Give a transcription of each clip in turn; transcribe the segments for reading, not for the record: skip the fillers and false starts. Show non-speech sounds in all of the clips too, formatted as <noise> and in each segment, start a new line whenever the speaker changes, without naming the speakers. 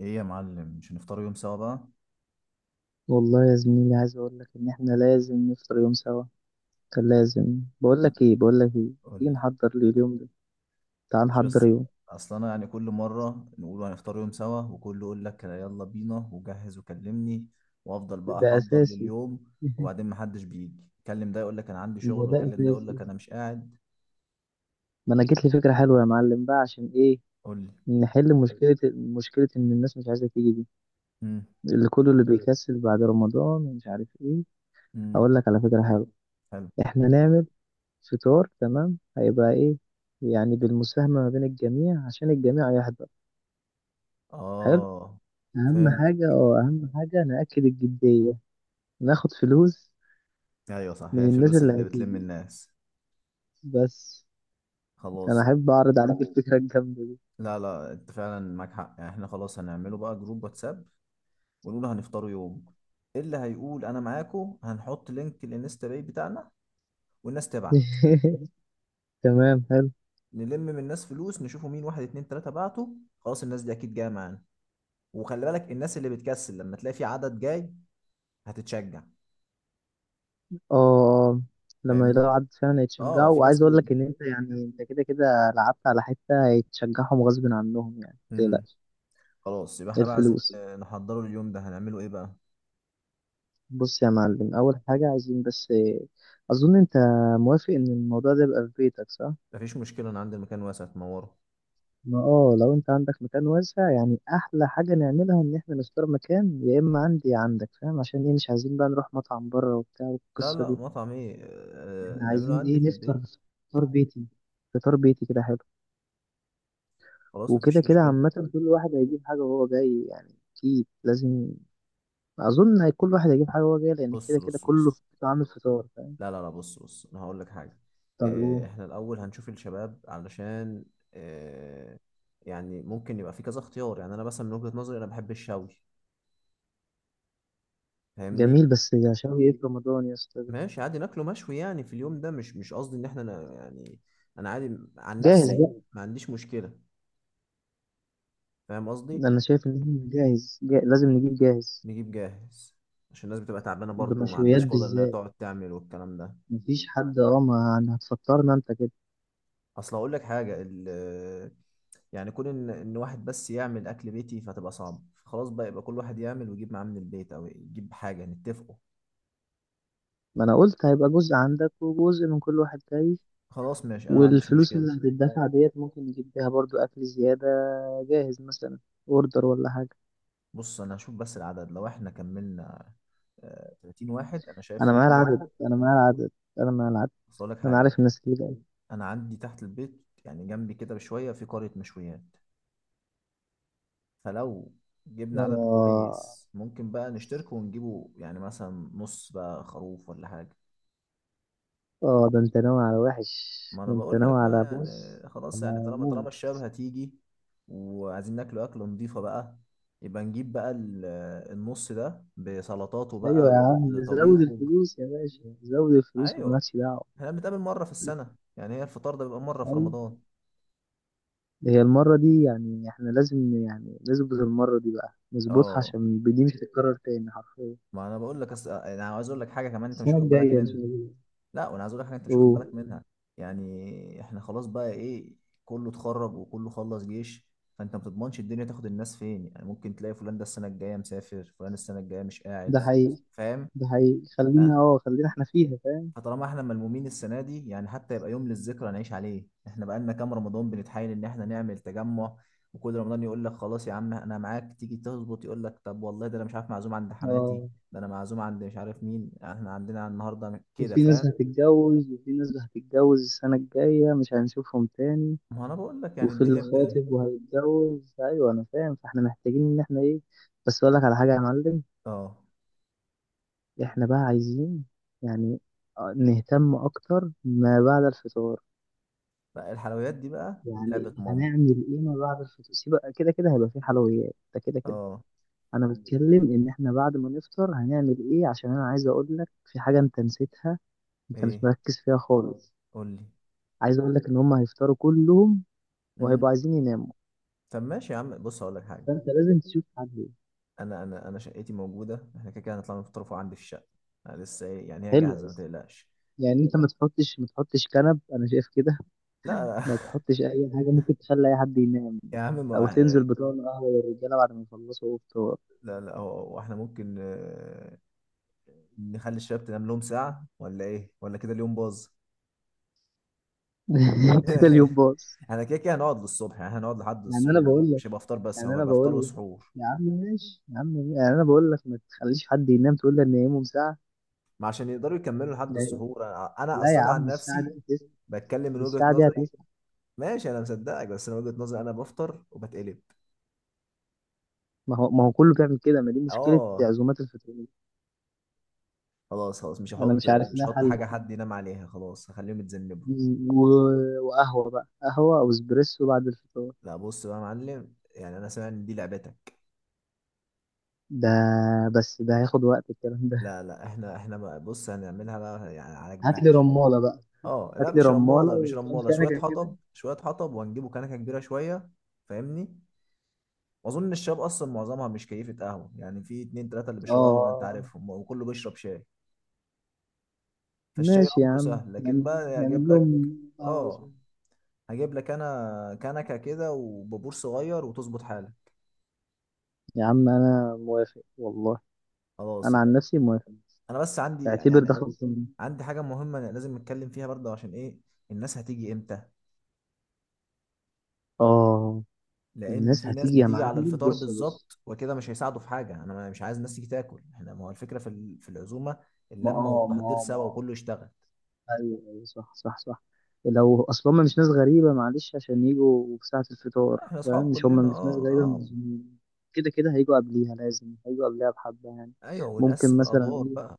ايه يا معلم، مش هنفطر يوم سوا بقى؟
والله يا زميلي، عايز اقول لك ان احنا لازم نفطر يوم سوا. كان لازم بقول لك ايه.
قول
تيجي
لي.
نحضر لي اليوم ده؟ تعال
شو يلا
نحضر
الس-
يوم.
اصل انا يعني كل مره نقول هنفطر يوم سوا، وكله يقول لك يلا بينا وجهز وكلمني، وافضل بقى
ده
احضر
اساسي.
لليوم،
<laughs>
وبعدين محدش بيجي. كلم ده يقول لك انا عندي
هو
شغل،
ده
وكلم ده يقول
اساسي.
لك انا مش قاعد.
ما انا جت لي فكره حلوه يا معلم، بقى عشان ايه؟
قول لي.
نحل مشكله ان الناس مش عايزه تيجي دي،
امم.
اللي كله اللي بيكسل بعد رمضان ومش عارف ايه.
امم.
اقول لك على فكره حلوه.
حلو.
احنا نعمل فطار تمام، هيبقى ايه؟ يعني بالمساهمه ما بين الجميع، عشان الجميع يحضر.
اه.
اهم
فهمت.
حاجة، نأكد الجدية. ناخد فلوس
ايوه صح، هي
من الناس
الفلوس
اللي
اللي بتلم
هتيجي،
الناس.
بس. انا
خلاص.
احب اعرض عليك الفكرة الجامدة دي.
لا لا، انت فعلا معاك حق، يعني احنا خلاص هنعمله بقى جروب واتساب ونقول هنفطروا يوم. إيه اللي هيقول انا معاكو؟ هنحط لينك الانستا باي بتاعنا والناس تبعت.
<laughs> تمام، حلو.
نلم من الناس فلوس، نشوفوا مين واحد اتنين تلاتة بعتوا، خلاص الناس دي اكيد جاية معانا. وخلي بالك، الناس اللي بتكسل لما تلاقي في عدد جاي هتتشجع.
اه، آه. لما
فاهمني.
يلاقوا عدد فعلا
اه
يتشجعوا،
في ناس
وعايز اقول
بي...
لك ان انت، يعني انت كده كده لعبت على حتة يتشجعهم غصب عنهم، يعني
مم.
متقلقش.
خلاص يبقى احنا بقى عايزين
الفلوس.
نحضره اليوم ده، هنعمله ايه بقى؟
بص يا معلم، اول حاجة عايزين بس اظن انت موافق ان الموضوع ده يبقى في بيتك، صح؟
مفيش مشكلة، انا عندي المكان واسع تنوره.
ما لو انت عندك مكان واسع، يعني احلى حاجة نعملها ان احنا نختار مكان، يا اما عندي يا عندك، فاهم؟ عشان ايه؟ مش عايزين بقى نروح مطعم بره وبتاع
لا
والقصة
لا،
دي.
مطعم ايه؟
احنا
نعمله
عايزين
عندي في
ايه؟ نفطر.
البيت.
فطار بيتي. فطار بيتي كده حلو.
خلاص
وكده
مفيش
كده
مشكلة.
عامة، كل واحد هيجيب حاجة وهو جاي، يعني اكيد لازم. اظن كل واحد هيجيب حاجة وهو جاي، لان كده
بص
كده
بص
كله
بص.
عامل فطار، فاهم؟
لا لا لا، بص بص، انا هقول لك حاجه.
طب ايه؟
احنا الاول هنشوف الشباب، علشان آه، يعني ممكن يبقى في كذا اختيار، يعني انا مثلا من وجهه نظري انا بحب الشوي. فاهمني.
جميل، بس عشان ايه في رمضان يا اسطى ده؟
ماشي عادي ناكله مشوي يعني في اليوم ده، مش قصدي ان احنا يعني انا عادي عن
جاهز
نفسي.
بقى.
ما عنديش مشكله. فاهم قصدي.
انا شايف ان احنا جاهز، لازم نجيب جاهز،
نجيب جاهز. عشان الناس بتبقى تعبانه برضه وما
بمشويات
عندهاش قدره انها
بالذات.
تقعد تعمل والكلام ده.
مفيش حد ما يعني هتفكرنا انت كده.
اصل اقول لك حاجه، يعني كون ان واحد بس يعمل اكل بيتي فتبقى صعب. خلاص بقى، يبقى كل واحد يعمل ويجيب معاه من البيت، او يجيب حاجه نتفقوا.
ما انا قلت هيبقى جزء عندك وجزء من كل واحد جاي.
خلاص ماشي، انا ما عنديش
والفلوس
مشكله.
اللي هتدفع ديت ممكن نجيب بيها برضو اكل زيادة، جاهز مثلا، اوردر ولا حاجة.
بص انا هشوف بس العدد. لو احنا كملنا 30 واحد انا شايف
انا معايا
نخش.
العدد، انا معايا العدد، انا معايا العدد.
بس اقول لك
انا
حاجه،
عارف الناس اللي جاية.
انا عندي تحت البيت يعني جنبي كده بشويه في قريه مشويات. فلو جبنا عدد
اه
كويس ممكن بقى نشترك ونجيبه، يعني مثلا نص بقى خروف ولا حاجه.
اه، ده انت ناوي على وحش.
ما انا
ده انت
بقول لك
ناوي
بقى،
على،
يعني
بص
خلاص، يعني
انا
طالما
موت.
الشباب هتيجي وعايزين ناكل اكله نضيفه بقى، يبقى نجيب بقى النص ده بسلطاته
ايوه
بقى
يا عم، زود
بطبيخه.
الفلوس يا باشا، زود الفلوس
ايوه.
ومالكش دعوة.
احنا بنتقابل مره في السنه، يعني هي الفطار ده بيبقى مره في
أيوة.
رمضان.
هي المرة دي يعني احنا لازم يعني نظبط المرة دي، بقى نظبطها
اه.
عشان دي مش هتتكرر تاني حرفيا.
ما انا بقول لك انا عاوز اقول لك حاجه كمان انت مش
السنة
واخد بالك
الجاية إن شاء
منها.
الله.
لا وانا عايز اقول لك حاجه انت مش واخد
أوه.
بالك منها. يعني احنا خلاص بقى ايه، كله اتخرج وكله خلص جيش. فانت ما بتضمنش الدنيا تاخد الناس فين، يعني ممكن تلاقي فلان ده السنه الجايه مسافر، فلان السنه الجايه مش قاعد.
ده حقيقي.
فاهم.
ده حقيقي،
آه،
خلينا احنا فيها، فاهم.
فطالما احنا ملمومين السنه دي يعني، حتى يبقى يوم للذكرى نعيش عليه. احنا بقى لنا كام رمضان بنتحايل ان احنا نعمل تجمع، وكل رمضان يقول لك خلاص يا عم انا معاك، تيجي تظبط يقول لك طب والله ده انا مش عارف معزوم عند حماتي،
اه.
ده انا معزوم عند مش عارف مين، احنا عندنا النهارده كده.
وفي ناس
فاهم.
هتتجوز، وفي ناس هتتجوز السنة الجاية مش هنشوفهم تاني.
ما انا بقول لك يعني
وفي اللي
الدنيا بتلهي.
خاطب وهيتجوز. أيوة، أنا فاهم، فاحنا محتاجين إن احنا إيه. بس أقول لك على حاجة يا معلم.
اه.
احنا بقى عايزين، يعني، نهتم أكتر ما بعد الفطار.
لا الحلويات دي بقى لعبة
يعني
ماما.
هنعمل ايه ما بعد الفطور؟ سيب، كده كده هيبقى في حلويات، ده كده كده.
اه.
انا بتكلم ان احنا بعد ما نفطر هنعمل ايه، عشان انا عايز اقول لك في حاجه انت نسيتها، انت مش
ايه؟
مركز فيها خالص.
قول لي.
عايز اقول لك ان هم هيفطروا كلهم، وهيبقوا
امم.
عايزين يناموا.
طب ماشي يا عم، بص هقول لك حاجة.
فانت لازم تشوف حل.
انا شقتي موجودة، احنا كده كده هنطلع نفطروا عندي في الشقة. أنا لسه ايه يعني، هي جاهزة
حلو.
ما تقلقش.
يعني انت ما تحطش، ما تحطش كنب، انا شايف كده.
لا.
ما تحطش اي حاجه ممكن تخلي اي حد ينام.
<laughs> يا عم
او
ما.
تنزل بطون قهوه للرجاله بعد ما يخلصوا فطار.
لا لا، هو هو احنا ممكن نخلي الشباب تنام لهم ساعة، ولا ايه، ولا كده اليوم باظ.
<laughs> كده اليوم
<laughs>
باظ.
احنا كده كده هنقعد للصبح، يعني هنقعد لحد
يعني انا
السحور،
بقول
مش هيبقى فطار بس،
يعني
هو
انا
هيبقى فطار
بقول لك،
وسحور.
يا عم ماشي، يا عم ماشي. يعني انا بقول لك ما تخليش حد ينام، تقول لي ان ينامهم ساعه.
ما عشان يقدروا يكملوا لحد
لا
السحور. انا
لا يا
اصلا عن
عم، الساعه دي
نفسي
هتسمع،
بتكلم من وجهة
الساعه دي
نظري.
هتسمع.
ماشي انا مصدقك، بس انا وجهة نظري انا بفطر وبتقلب.
ما هو كله بيعمل كده، ما دي مشكله
اه.
عزومات الفطور.
خلاص خلاص، مش
انا
هحط
مش عارف
مش
لها
هحط
حل.
حاجة حد ينام عليها، خلاص هخليهم يتذنبوا.
و... وقهوه بقى، قهوه او اسبريسو بعد الفطور.
لا بص بقى يا معلم، يعني انا سامع ان دي لعبتك.
ده، بس ده هياخد وقت الكلام ده.
لا لا، احنا بقى بص هنعملها بقى يعني على
هات لي
كبير.
رماله بقى.
اه لا،
هات لي
مش
رماله
رمالة مش
وكام
رمالة شوية
كنكه كده.
حطب، شوية حطب، وهنجيبوا كنكة كبيرة شوية. فاهمني. واظن الشباب اصلا معظمها مش كيفة قهوة، يعني في اتنين تلاتة اللي بيشربوا قهوة انت
اه
عارفهم، وكله بيشرب شاي. فالشاي
ماشي يا
امره
عم،
سهل، لكن بقى هجيب
نعمل
لك.
لهم قهوه.
اه. هجيب لك انا كنكة كده وبابور صغير، وتظبط حالك.
يا عم انا موافق والله.
خلاص
انا عن
يبقى.
نفسي موافق.
انا بس عندي
اعتبر
يعني
ده بس خلصان.
عندي حاجة مهمة أنا لازم نتكلم فيها برضه، عشان ايه؟ الناس هتيجي امتى؟
اه.
لان
الناس
في ناس
هتيجي يا
بتيجي على
معلم،
الفطار
بص بص.
بالظبط وكده مش هيساعدوا في حاجة. انا مش عايز الناس تيجي تاكل، احنا ما هو الفكرة في في العزومة، اللمة والتحضير
ما
سوا
آه.
وكله يشتغل.
ايوه ايوه، صح صح صح. لو اصل هم مش ناس غريبه، معلش عشان يجوا في ساعه الفطار،
لا، احنا اصحاب
فاهم،
كلنا
مش ناس
اه
غريبه،
اه.
المنظمين كده كده هيجوا قبليها، لازم هيجوا قبليها بحبه يعني.
ايوه،
ممكن
ونقسم
مثلا
الادوار
ايه،
بقى.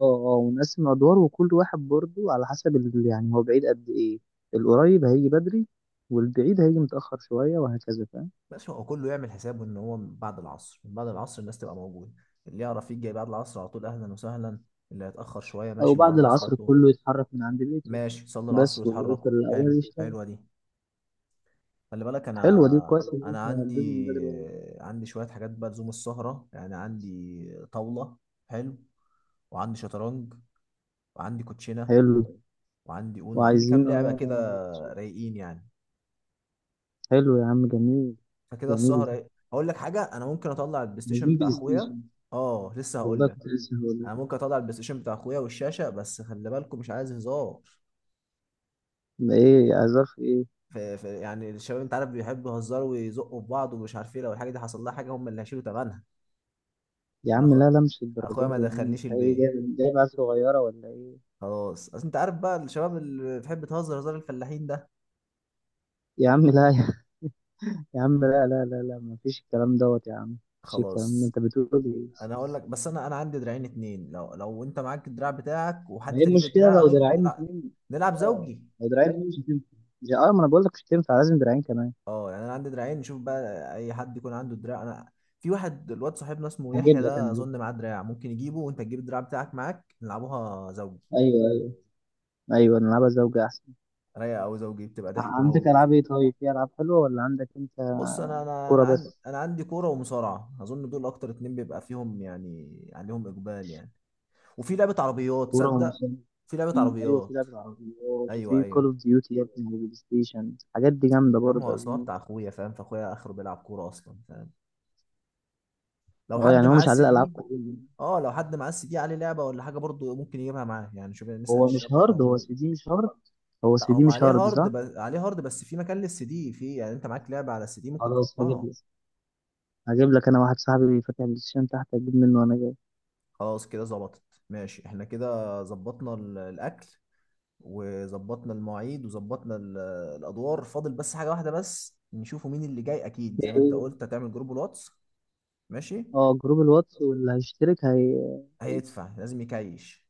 اه اه، ونقسم ادوار وكل واحد برضه على حسب يعني هو بعيد قد ايه، القريب هيجي بدري والبعيد هيجي متاخر شويه، وهكذا فاهم.
ماشي، هو كله يعمل حسابه ان هو من بعد العصر. من بعد العصر الناس تبقى موجوده، اللي يعرف يجي بعد العصر على طول اهلا وسهلا، اللي هيتاخر شويه
او
ماشي معاه
بعد العصر
مواصلاته.
كله يتحرك من عند بيته،
ماشي، صلوا العصر
بس والعيش
واتحركوا. حلو،
الاول يشتغل.
حلوه دي. خلي بالك،
حلوه دي،
انا
كويس ان
انا
انت
عندي،
هتجيب من بدري والله.
عندي شويه حاجات بقى لزوم السهره، يعني عندي طاوله. حلو. وعندي شطرنج، وعندي كوتشينه،
حلو،
وعندي اون، وعندي كام
وعايزين
لعبه كده. رايقين يعني.
حلو يا عم، جميل.
فكده
جميل
السهرة
ده،
ايه. هقول لك حاجة، انا ممكن اطلع البلاي ستيشن
عايزين
بتاع
بلاي
اخويا.
ستيشن.
اه لسه هقول
والله
لك.
كنت لسه هقول لك.
انا ممكن اطلع البلاي ستيشن بتاع اخويا والشاشة، بس خلي بالكم مش عايز هزار.
ده ايه عذاب في ايه؟
يعني الشباب انت عارف بيحبوا يهزروا ويزقوا في بعض ومش عارف ايه، لو الحاجة دي حصل لها حاجة هم اللي هيشيلوا ثمنها.
يا
انا
عم
أخو...
لا لا، مش
اخويا
الدرجات
ما
دي يا عم،
دخلنيش
انت ايه،
البيت.
جايب عيال صغيره ولا ايه؟
خلاص اصل انت عارف بقى الشباب اللي بتحب تهزر هزار الفلاحين ده.
يا عم لا يا يا عم، لا لا لا لا، ما فيش الكلام دوت يا عم، ما فيش الكلام ده،
خلاص،
انت بتقول ايه؟
انا هقول لك بس، انا عندي دراعين اتنين. لو انت معاك الدراع بتاعك
ما
وحد
هي
تاني يجيب
المشكلة
الدراع
لو
عشان
دراعين
نلعب،
اتنين؟
نلعب
اه،
زوجي.
لو دراعين اتنين مش هتنفع. ما انا بقول لك مش هتنفع، لازم دراعين كمان.
اه، يعني انا عندي دراعين، نشوف بقى اي حد يكون عنده دراع. انا في واحد الواد صاحبنا اسمه يحيى
هجيب لك،
ده،
انا هجيب.
اظن معاه دراع، ممكن يجيبه، وانت تجيب الدراع بتاعك معاك نلعبوها زوجي.
ايوه، ايوه، ايوه، نلعبها زوجة احسن.
رايقه، او زوجي بتبقى ضحك
عندك
موت.
العاب ايه؟ طيب في العاب حلوة ولا عندك انت؟
بص، انا انا
كورة
انا عندي،
بس.
انا عندي كوره ومصارعه، اظن دول اكتر اتنين بيبقى فيهم يعني عليهم اقبال يعني. وفي لعبه عربيات،
كورة
تصدق
ومسابقات.
في لعبه
في، ايوه في
عربيات.
لعبة عربيات.
ايوه
وفي كول
ايوه.
اوف ديوتي يا ابني، وبلاي ستيشن، الحاجات دي جامدة
يا عم
برضه
هو
يا
اصلا
زميلي.
بتاع اخويا فاهم، فاخويا اخره بيلعب كوره اصلا فاهم. لو
اه،
حد
يعني هو
معاه
مش على
السي
الالعاب
دي.
كلها.
اه، لو حد معاه السي دي عليه لعبه ولا حاجه برضه ممكن يجيبها معاه، يعني شوف يعني نسال
هو
الشباب
مش
برضه
هارد.
عن
هو
الجروب.
سي دي مش هارد. هو
لا
سي دي
هو
مش
عليه
هارد،
هارد،
صح؟
عليه هارد، بس في مكان للسي دي، في يعني انت معاك لعبه على السي دي ممكن
خلاص، هجيب
تحطها.
لك. هجيب لك انا، واحد صاحبي فاتح بلاي ستيشن تحت، اجيب منه وانا
خلاص كده ظبطت. ماشي، احنا كده ظبطنا الاكل، وظبطنا المواعيد، وظبطنا الادوار. فاضل بس حاجه واحده بس، نشوفوا مين اللي جاي، اكيد زي ما انت
جاي.
قلت هتعمل جروب الواتس. ماشي.
اه، جروب الواتس، واللي هيشترك هيجي.
هيدفع لازم يكايش.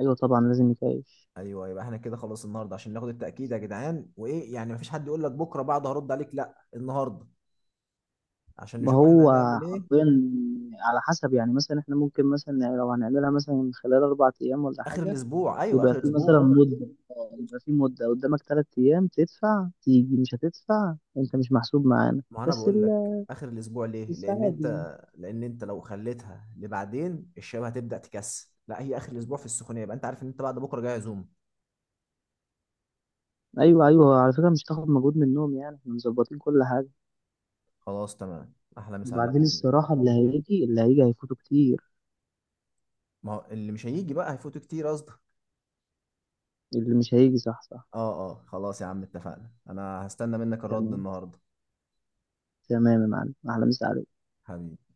ايوه طبعا، لازم يتعيش.
ايوه، يبقى احنا كده خلاص النهارده، عشان ناخد التاكيد يا جدعان، وايه يعني مفيش حد يقول لك بكره بعد هرد عليك، لا النهارده عشان
ما
نشوف احنا
هو
هنعمل ايه.
حرفيا، على حسب، يعني مثلا احنا ممكن مثلا لو هنعملها مثلا خلال 4 ايام ولا
اخر
حاجه.
الاسبوع، ايوه
يبقى
اخر
في مثلا
الاسبوع.
مده يبقى في مده قدامك 3 ايام، تدفع تيجي، مش هتدفع انت مش محسوب معانا،
ما انا
بس
بقول لك اخر الاسبوع ليه، لان
الساعات
انت
يعني.
لان انت لو خليتها لبعدين الشباب هتبدا تكسل. لا هي اخر الاسبوع في السخونيه، يبقى انت عارف ان انت بعد بكره جاي عزومه.
ايوه ايوه، على فكره مش هتاخد مجهود منهم، يعني احنا مظبطين كل حاجه.
خلاص تمام، احلى مسا عليك
وبعدين
يا زميلي.
الصراحه، اللي هيجي اللي هيجي هيفوتوا كتير.
ما هو اللي مش هيجي بقى هيفوتوا كتير قصدك.
اللي مش هيجي، صح صح.
اه اه خلاص يا عم اتفقنا، انا هستنى منك الرد
تمام،
النهارده.
تمام يا معلم، احلى مسا عليك.
حبيبي.